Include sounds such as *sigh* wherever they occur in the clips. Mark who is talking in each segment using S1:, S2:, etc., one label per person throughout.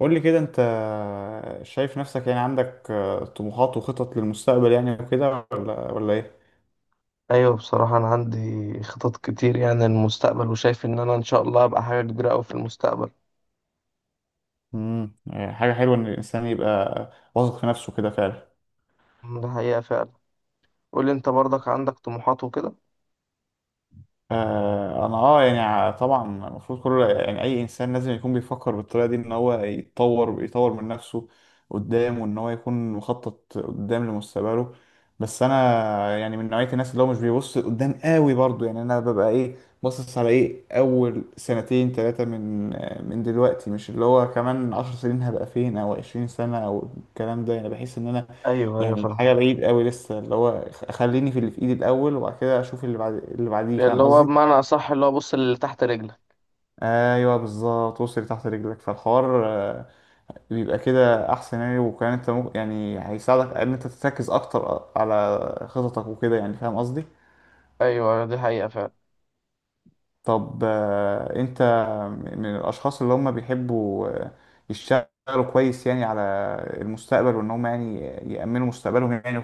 S1: قول لي كده انت شايف نفسك يعني عندك طموحات وخطط للمستقبل يعني وكده ولا ايه؟
S2: ايوه، بصراحة انا عندي خطط كتير، يعني للمستقبل، وشايف ان انا ان شاء الله هبقى حاجة كبيرة اوي في المستقبل.
S1: امم حاجة حلوة ان الانسان يبقى واثق في نفسه كده فعلا.
S2: ده حقيقة فعلا. قولي انت برضك، عندك طموحات وكده؟
S1: انا يعني طبعا المفروض كل يعني اي انسان لازم يكون بيفكر بالطريقه دي ان هو يتطور ويطور من نفسه قدام، وان هو يكون مخطط قدام لمستقبله. بس انا يعني من نوعيه الناس اللي هو مش بيبص قدام قوي برضو، يعني انا ببقى ايه باصص على ايه اول سنتين ثلاثه من دلوقتي، مش اللي هو كمان عشر سنين هبقى فين او عشرين سنه او الكلام ده، يعني بحس ان انا
S2: ايوه ايوه،
S1: يعني
S2: فاهم.
S1: حاجه بعيد قوي لسه اللي هو خليني في اللي في ايدي الاول وبعد كده اشوف اللي بعد اللي بعديه، فاهم
S2: اللي هو
S1: قصدي.
S2: بمعنى اصح اللي هو، بص اللي تحت رجلك.
S1: ايوه بالظبط، وصل تحت رجلك. فالحوار بيبقى كده احسن يعني، وكمان انت ممكن يعني هيساعدك ان انت تركز اكتر على خططك وكده يعني، فاهم قصدي.
S2: ايوه أيوة، دي حقيقة فعلا.
S1: طب انت من الاشخاص اللي هم بيحبوا يشتغلوا كويس يعني على المستقبل، وان هم يعني يأمنوا مستقبلهم يعني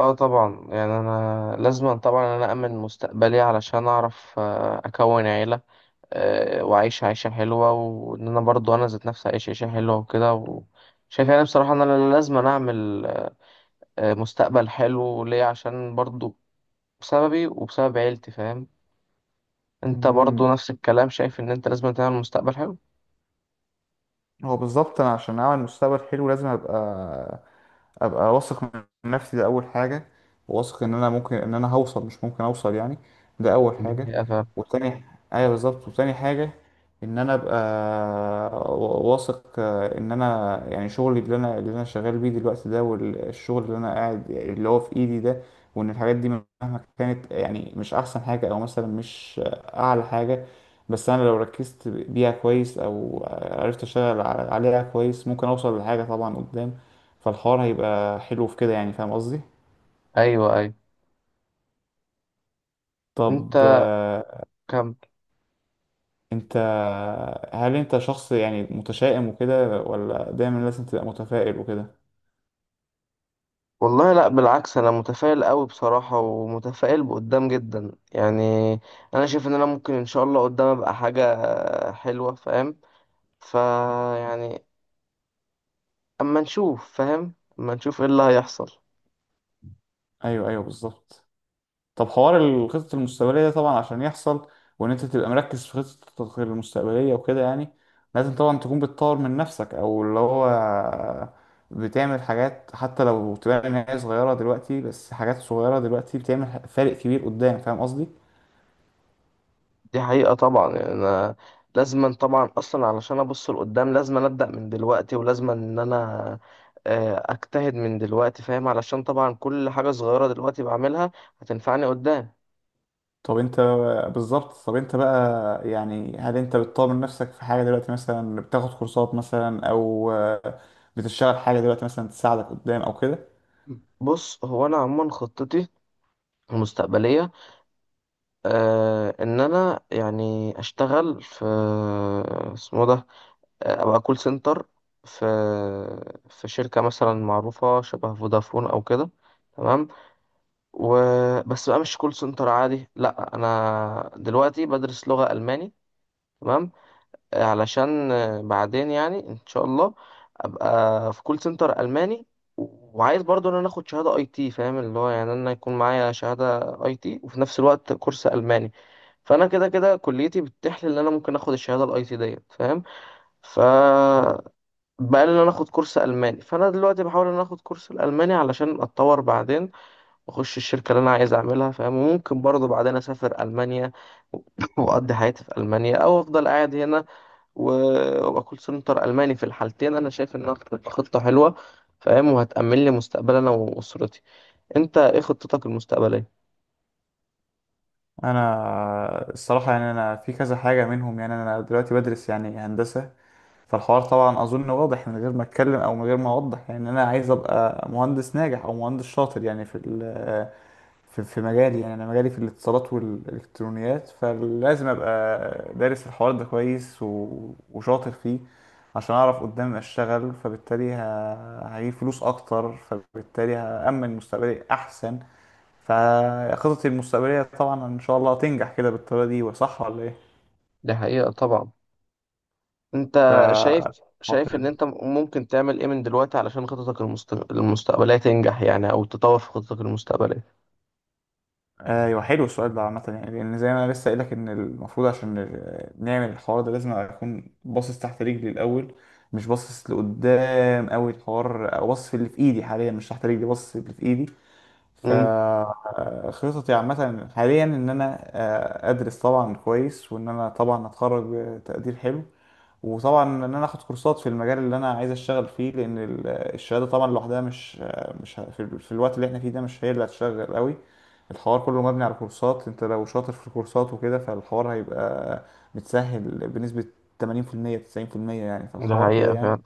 S2: اه طبعا، يعني انا لازم طبعا انا امن مستقبلي علشان اعرف اكون عيلة واعيش عيشة حلوة، وان انا برضو انا ذات نفسي اعيش عيشة حلوة وكده. شايف يعني بصراحة ان انا لازم اعمل مستقبل حلو ليه، عشان برضو بسببي وبسبب عيلتي، فاهم. انت
S1: وكده.
S2: برضو نفس الكلام، شايف ان انت لازم تعمل مستقبل حلو؟
S1: هو بالظبط انا عشان اعمل مستقبل حلو لازم ابقى واثق من نفسي، ده اول حاجه. واثق ان انا ممكن ان انا هوصل، مش ممكن اوصل يعني، ده اول
S2: دي
S1: حاجه.
S2: حقيقة، فاهم.
S1: والتاني، ايوه بالظبط، وتاني حاجه ان انا ابقى واثق ان انا يعني شغلي اللي انا شغال بيه دلوقتي ده، والشغل اللي انا قاعد اللي هو في ايدي ده، وان الحاجات دي مهما كانت يعني مش احسن حاجه او مثلا مش اعلى حاجه، بس انا لو ركزت بيها كويس او عرفت اشتغل عليها كويس ممكن اوصل لحاجه طبعا قدام، فالحوار هيبقى حلو في كده يعني فاهم قصدي.
S2: ايوه ايوه.
S1: طب
S2: انت كم؟
S1: انت هل انت شخص يعني متشائم وكده، ولا دايما لازم تبقى متفائل وكده؟
S2: والله لا، بالعكس، انا متفائل قوي بصراحة، ومتفائل بقدام جدا يعني. انا شايف ان انا ممكن ان شاء الله قدام ابقى حاجة حلوة، فاهم. فيعني، اما نشوف، فاهم، اما نشوف ايه اللي هيحصل.
S1: ايوه، ايوه، بالظبط. طب حوار الخطط المستقبلية ده طبعا عشان يحصل وإن أنت تبقى مركز في خططك المستقبلية وكده يعني، لازم طبعا تكون بتطور من نفسك، أو اللي هو بتعمل حاجات حتى لو تبان إن هي صغيرة دلوقتي، بس حاجات صغيرة دلوقتي بتعمل فارق كبير قدام، فاهم قصدي؟
S2: دي حقيقة طبعا. يعني أنا لازما طبعا أصلا علشان أبص لقدام، لازما أبدأ من دلوقتي، ولازما إن أنا أجتهد من دلوقتي، فاهم، علشان طبعا كل حاجة صغيرة دلوقتي بعملها هتنفعني قدام.
S1: طب أنت بالظبط. طب أنت بقى، يعني هل أنت بتطور من نفسك في حاجة دلوقتي، مثلا بتاخد كورسات مثلا، أو بتشتغل حاجة دلوقتي مثلا تساعدك قدام أو كده؟
S2: بص، هو أنا عموما خطتي المستقبلية إن أنا يعني أشتغل في، اسمه ده أبقى كول سنتر في في شركة مثلا معروفة شبه فودافون أو كده. تمام. و... بس بقى مش كول سنتر عادي، لا، انا دلوقتي بدرس لغة الماني. تمام علشان بعدين يعني ان شاء الله ابقى في كول سنتر الماني. و- وعايز برضو ان انا اخد شهادة اي تي، فاهم، اللي هو يعني انا يكون معايا شهادة اي تي وفي نفس الوقت كورس الماني. فانا كده كده كليتي بتتيح لي ان انا ممكن اخد الشهاده الاي تي ديت، فاهم. ف بقى لي ان انا اخد كورس الماني، فانا دلوقتي بحاول ان انا اخد كورس الالماني علشان اتطور، بعدين اخش الشركه اللي انا عايز اعملها، فاهم. وممكن برضه بعدين اسافر المانيا و- *laughs* واقضي حياتي في المانيا او افضل قاعد هنا و- وابقى كول سنتر الماني. في الحالتين انا شايف انها هتبقى خطه حلوه، فاهم، وهتأمن لي مستقبلي انا واسرتي. انت ايه خطتك المستقبليه؟
S1: انا الصراحه يعني انا في كذا حاجه منهم، يعني انا دلوقتي بدرس يعني هندسه، فالحوار طبعا اظن واضح من غير ما اتكلم او من غير ما اوضح، يعني انا عايز ابقى مهندس ناجح او مهندس شاطر يعني في في مجالي، يعني انا مجالي في الاتصالات والالكترونيات، فلازم ابقى دارس الحوار ده كويس وشاطر فيه عشان اعرف قدام اشتغل، فبالتالي هجيب فلوس اكتر، فبالتالي هامن مستقبلي احسن. فخططي المستقبلية طبعا إن شاء الله تنجح كده بالطريقة دي، وصح ولا إيه؟
S2: دي حقيقه طبعا.
S1: ف
S2: انت شايف
S1: آه،
S2: شايف ان
S1: حلو.
S2: انت ممكن تعمل ايه من دلوقتي علشان خطتك المستقبليه تنجح يعني، او تطور في خطتك المستقبليه؟
S1: أيوه، حلو السؤال ده عامة يعني، لأن زي ما أنا لسه قايلك إن المفروض عشان نعمل الحوار ده لازم أكون باصص تحت رجلي الأول، مش باصص لقدام أوي الحوار، أو باصص في اللي في إيدي حاليا، مش تحت رجلي، باصص في اللي في إيدي.
S2: امم
S1: فخططي عامة حاليا إن أنا أدرس طبعا كويس، وإن أنا طبعا أتخرج بتقدير حلو، وطبعا ان انا اخد كورسات في المجال اللي انا عايز اشتغل فيه، لان الشهاده طبعا لوحدها مش في الوقت اللي احنا فيه ده مش هي اللي هتشغل قوي. الحوار كله مبني على كورسات، انت لو شاطر في الكورسات وكده فالحوار هيبقى متسهل بنسبه 80% 90% يعني.
S2: ده
S1: فالحوار كده
S2: حقيقه
S1: يعني،
S2: فعلا.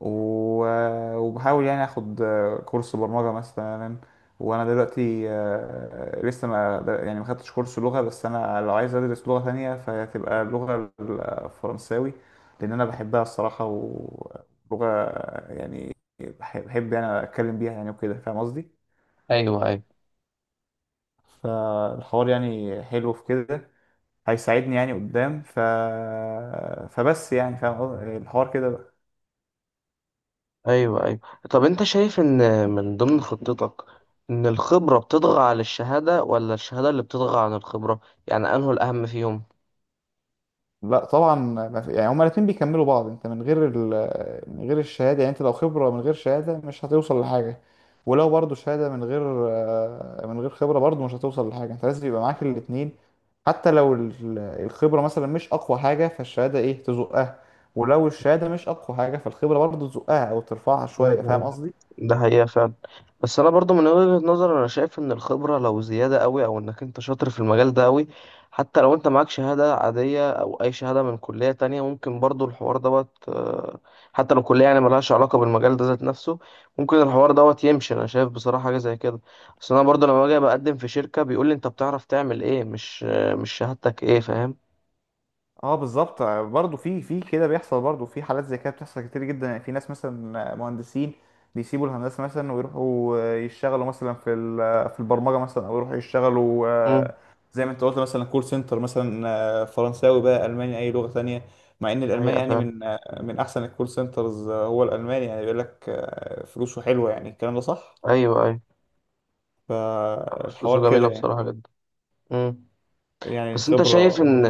S1: وبحاول يعني اخد كورس برمجة مثلا، وانا دلوقتي لسه ما يعني ما خدتش كورس لغة، بس انا لو عايز ادرس لغة تانية فهتبقى اللغة الفرنساوي، لان انا بحبها الصراحة، ولغة يعني بحب بحب يعني اتكلم بيها يعني وكده فاهم قصدي.
S2: ايوه ايوه.
S1: فالحوار يعني حلو في كده، هيساعدني يعني قدام، فبس يعني فاهم قصدي؟ الحوار كده.
S2: ايوه ايوه. طب، انت شايف ان من ضمن خطتك، ان الخبرة بتطغى على الشهادة ولا الشهادة اللي بتطغى عن الخبرة؟ يعني انه الاهم فيهم.
S1: لا طبعا، ما في- يعني هما الاتنين بيكملوا بعض. انت من غير من غير الشهاده، يعني انت لو خبره من غير شهاده مش هتوصل لحاجه، ولو برضو شهاده من غير خبره برضو مش هتوصل لحاجه. انت لازم يبقى معاك الاتنين، حتى لو الخبره مثلا مش اقوى حاجه فالشهاده ايه تزقها، ولو الشهاده مش اقوى حاجه فالخبره برضو تزقها او ترفعها شويه، فاهم
S2: مم.
S1: قصدي.
S2: ده حقيقة فعلا. بس أنا برضو من وجهة نظري، أنا شايف إن الخبرة لو زيادة أوي، أو إنك أنت شاطر في المجال ده أوي، حتى لو أنت معاك شهادة عادية أو أي شهادة من كلية تانية، ممكن برضو الحوار دوت حتى لو كلية يعني ملهاش علاقة بالمجال ده ذات نفسه، ممكن الحوار دوت يمشي. أنا شايف بصراحة حاجة زي كده. بس أنا برضو لما باجي بقدم في شركة، بيقول لي أنت بتعرف تعمل إيه، مش شهادتك إيه، فاهم.
S1: اه بالظبط، برضه في كده بيحصل، برضه في حالات زي كده بتحصل كتير جدا يعني. في ناس مثلا مهندسين بيسيبوا الهندسه مثلا ويروحوا يشتغلوا مثلا في البرمجه مثلا، او يروحوا يشتغلوا
S2: مم.
S1: زي ما انت قلت مثلا كول سنتر مثلا، فرنساوي بقى الماني اي لغه تانية. مع ان الالماني
S2: حقيقة
S1: يعني
S2: فعلا.
S1: من احسن الكول سنترز، هو الالماني يعني بيقول لك فلوسه حلوه يعني، الكلام ده صح.
S2: أيوه أيوه. فلوسه
S1: فالحوار كده
S2: جميلة
S1: يعني
S2: بصراحة جدا. مم.
S1: يعني
S2: بس انت شايف
S1: الخبره.
S2: ان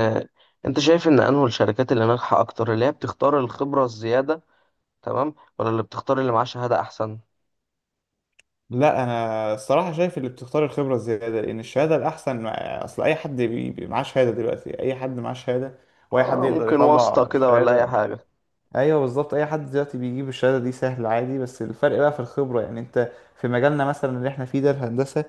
S2: انت شايف ان انه الشركات اللي ناجحه اكتر، اللي هي بتختار الخبره الزياده، تمام، ولا اللي بتختار اللي معاه شهاده احسن؟
S1: لا انا الصراحه شايف اللي بتختار الخبره الزياده، لان الشهاده الاحسن اصل اي حد معاه شهاده دلوقتي، اي حد معاه شهاده واي حد
S2: آه،
S1: يقدر
S2: ممكن واسطه
S1: يطلع
S2: كده ولا اي
S1: شهاده.
S2: حاجه.
S1: ايوه بالظبط، اي حد دلوقتي بيجيب الشهاده دي سهل عادي، بس الفرق بقى في الخبره، يعني انت في مجالنا مثلا اللي احنا فيه ده الهندسه،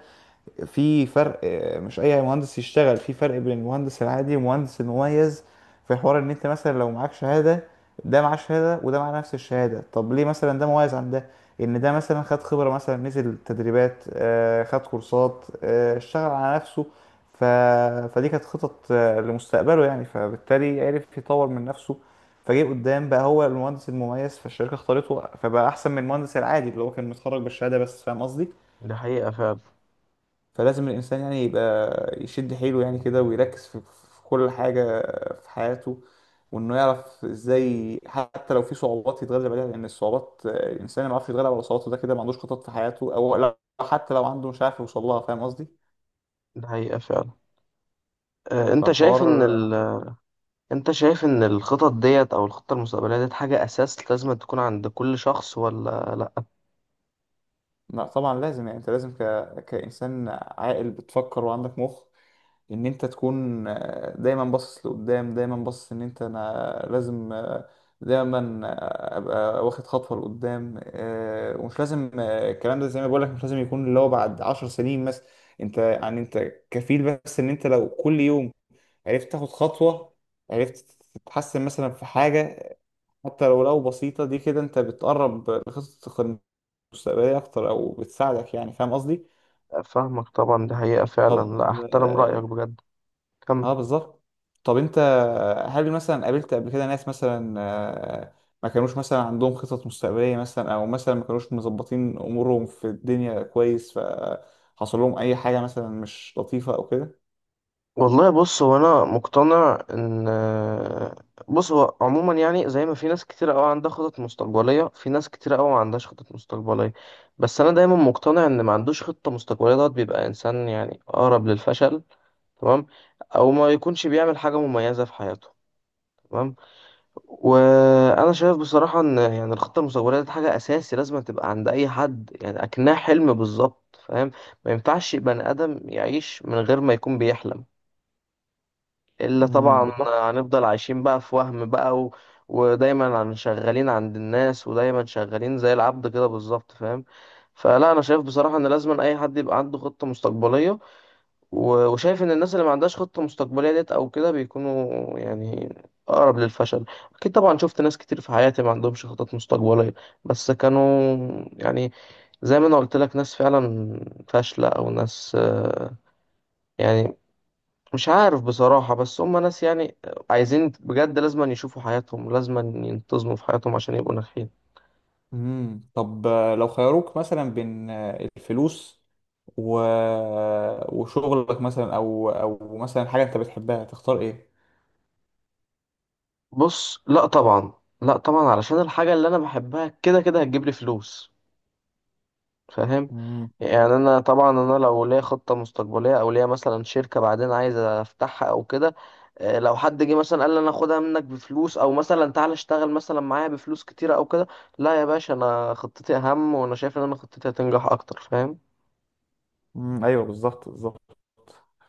S1: في فرق مش اي مهندس يشتغل. في فرق بين المهندس العادي والمهندس المميز، في حوار ان انت مثلا لو معاك شهادة، ده معاه شهادة وده معاه نفس الشهادة، طب ليه مثلا ده مميز عن ده؟ ان ده مثلا خد خبرة، مثلا نزل تدريبات، خد كورسات، اشتغل على نفسه، ف... فدي كانت خطط لمستقبله يعني، فبالتالي عرف يطور من نفسه، فجه قدام بقى هو المهندس المميز، فالشركة اختارته فبقى احسن من المهندس العادي اللي هو كان متخرج بالشهادة بس، فاهم قصدي.
S2: دي حقيقه فعلا.
S1: فلازم الإنسان يعني يبقى يشد حيله يعني كده، ويركز في كل حاجة في حياته، وإنه يعرف إزاي حتى لو في صعوبات يتغلب عليها، لأن الصعوبات الإنسان ما بيعرفش يتغلب على صعوباته ده كده ما عندوش خطط في حياته، أو لو حتى لو عنده مش عارف يوصل لها، فاهم قصدي؟
S2: دي حقيقه فعلا. آه انت
S1: فالحوار
S2: شايف ان ال... انت شايف ان الخطط ديت او الخطه المستقبليه ديت حاجه اساس لازم تكون عند كل شخص ولا لا؟
S1: لا طبعا لازم، يعني أنت لازم كإنسان عاقل بتفكر وعندك مخ ان انت تكون دايما باصص لقدام، دايما باصص ان انت انا لازم دايما ابقى واخد خطوه لقدام، ومش لازم الكلام ده زي ما بقول لك مش لازم يكون اللي هو بعد عشر سنين مثلا. انت يعني انت كفيل، بس ان انت لو كل يوم عرفت تاخد خطوه، عرفت تتحسن مثلا في حاجه حتى لو بسيطه دي كده، انت بتقرب لخطتك المستقبليه اكتر او بتساعدك يعني فاهم قصدي.
S2: فاهمك طبعا، دي حقيقه
S1: طب
S2: فعلا، لا، احترم رايك
S1: آه،
S2: بجد. كمل.
S1: اه بالظبط. طب انت، هل مثلا قابلت قبل كده ناس مثلا ما كانوش مثلا عندهم خطط مستقبلية مثلا، او مثلا ما كانوش مظبطين امورهم في الدنيا كويس فحصل لهم اي حاجة مثلا مش لطيفة او كده؟
S2: والله، بص، هو عموما يعني زي ما في ناس كتير قوي عندها خطط مستقبليه، في ناس كتير قوي ما عندهاش خطط مستقبليه. بس انا دايما مقتنع ان ما عندوش خطه مستقبليه دوت بيبقى انسان يعني اقرب للفشل، تمام، او ما يكونش بيعمل حاجه مميزه في حياته، تمام. وانا شايف بصراحه ان يعني الخطه المستقبليه دي حاجه اساسي لازم تبقى عند اي حد، يعني اكنها حلم بالظبط، فاهم. ما ينفعش بني ادم يعيش من غير ما يكون بيحلم، إلا طبعا
S1: بالظبط.
S2: هنفضل عايشين بقى في وهم بقى و... ودايما شغالين عند الناس، ودايما شغالين زي العبد كده بالظبط، فاهم. فلا، انا شايف بصراحة ان لازم اي حد يبقى عنده خطة مستقبلية. و... وشايف ان الناس اللي ما عندهاش خطة مستقبلية ديت او كده بيكونوا يعني اقرب للفشل. اكيد طبعا شفت ناس كتير في حياتي ما عندهمش خطط مستقبلية، بس كانوا، يعني، زي ما انا قلت لك، ناس فعلا فاشلة، او ناس يعني مش عارف بصراحة، بس هم ناس يعني عايزين بجد لازم يشوفوا حياتهم، لازم ينتظموا في حياتهم عشان يبقوا ناجحين.
S1: طب لو خيروك مثلا بين الفلوس و... وشغلك مثلا، او مثلا حاجة انت بتحبها، تختار ايه؟
S2: بص لا طبعا، لا طبعا، علشان الحاجة اللي أنا بحبها كده كده هتجيب لي فلوس، فاهم.
S1: امم
S2: يعني أنا طبعا، أنا لو ليا خطة مستقبلية، أو ليا مثلا شركة بعدين عايز أفتحها أو كده لو حد جه مثلا قال لي، أنا أخدها منك بفلوس، أو مثلا تعالى اشتغل مثلا معايا بفلوس كتيرة أو كده، لا يا باشا، أنا خطتي أهم، وأنا شايف إن أنا خطتي هتنجح أكتر، فاهم.
S1: أمم، ايوه بالظبط، بالظبط،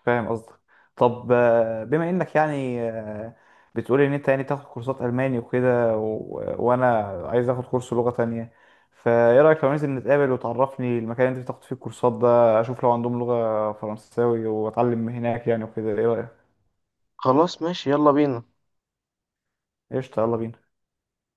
S1: فاهم قصدك. طب بما انك يعني بتقول ان انت يعني تاخد كورسات الماني وكده، وانا عايز اخد كورس لغة تانية، فايه رايك لو ننزل نتقابل وتعرفني المكان اللي انت بتاخد فيه الكورسات ده، اشوف لو عندهم لغة فرنساوي واتعلم هناك يعني وكده، ايه رايك؟
S2: خلاص، ماشي، يلا بينا.
S1: قشطة، يلا بينا.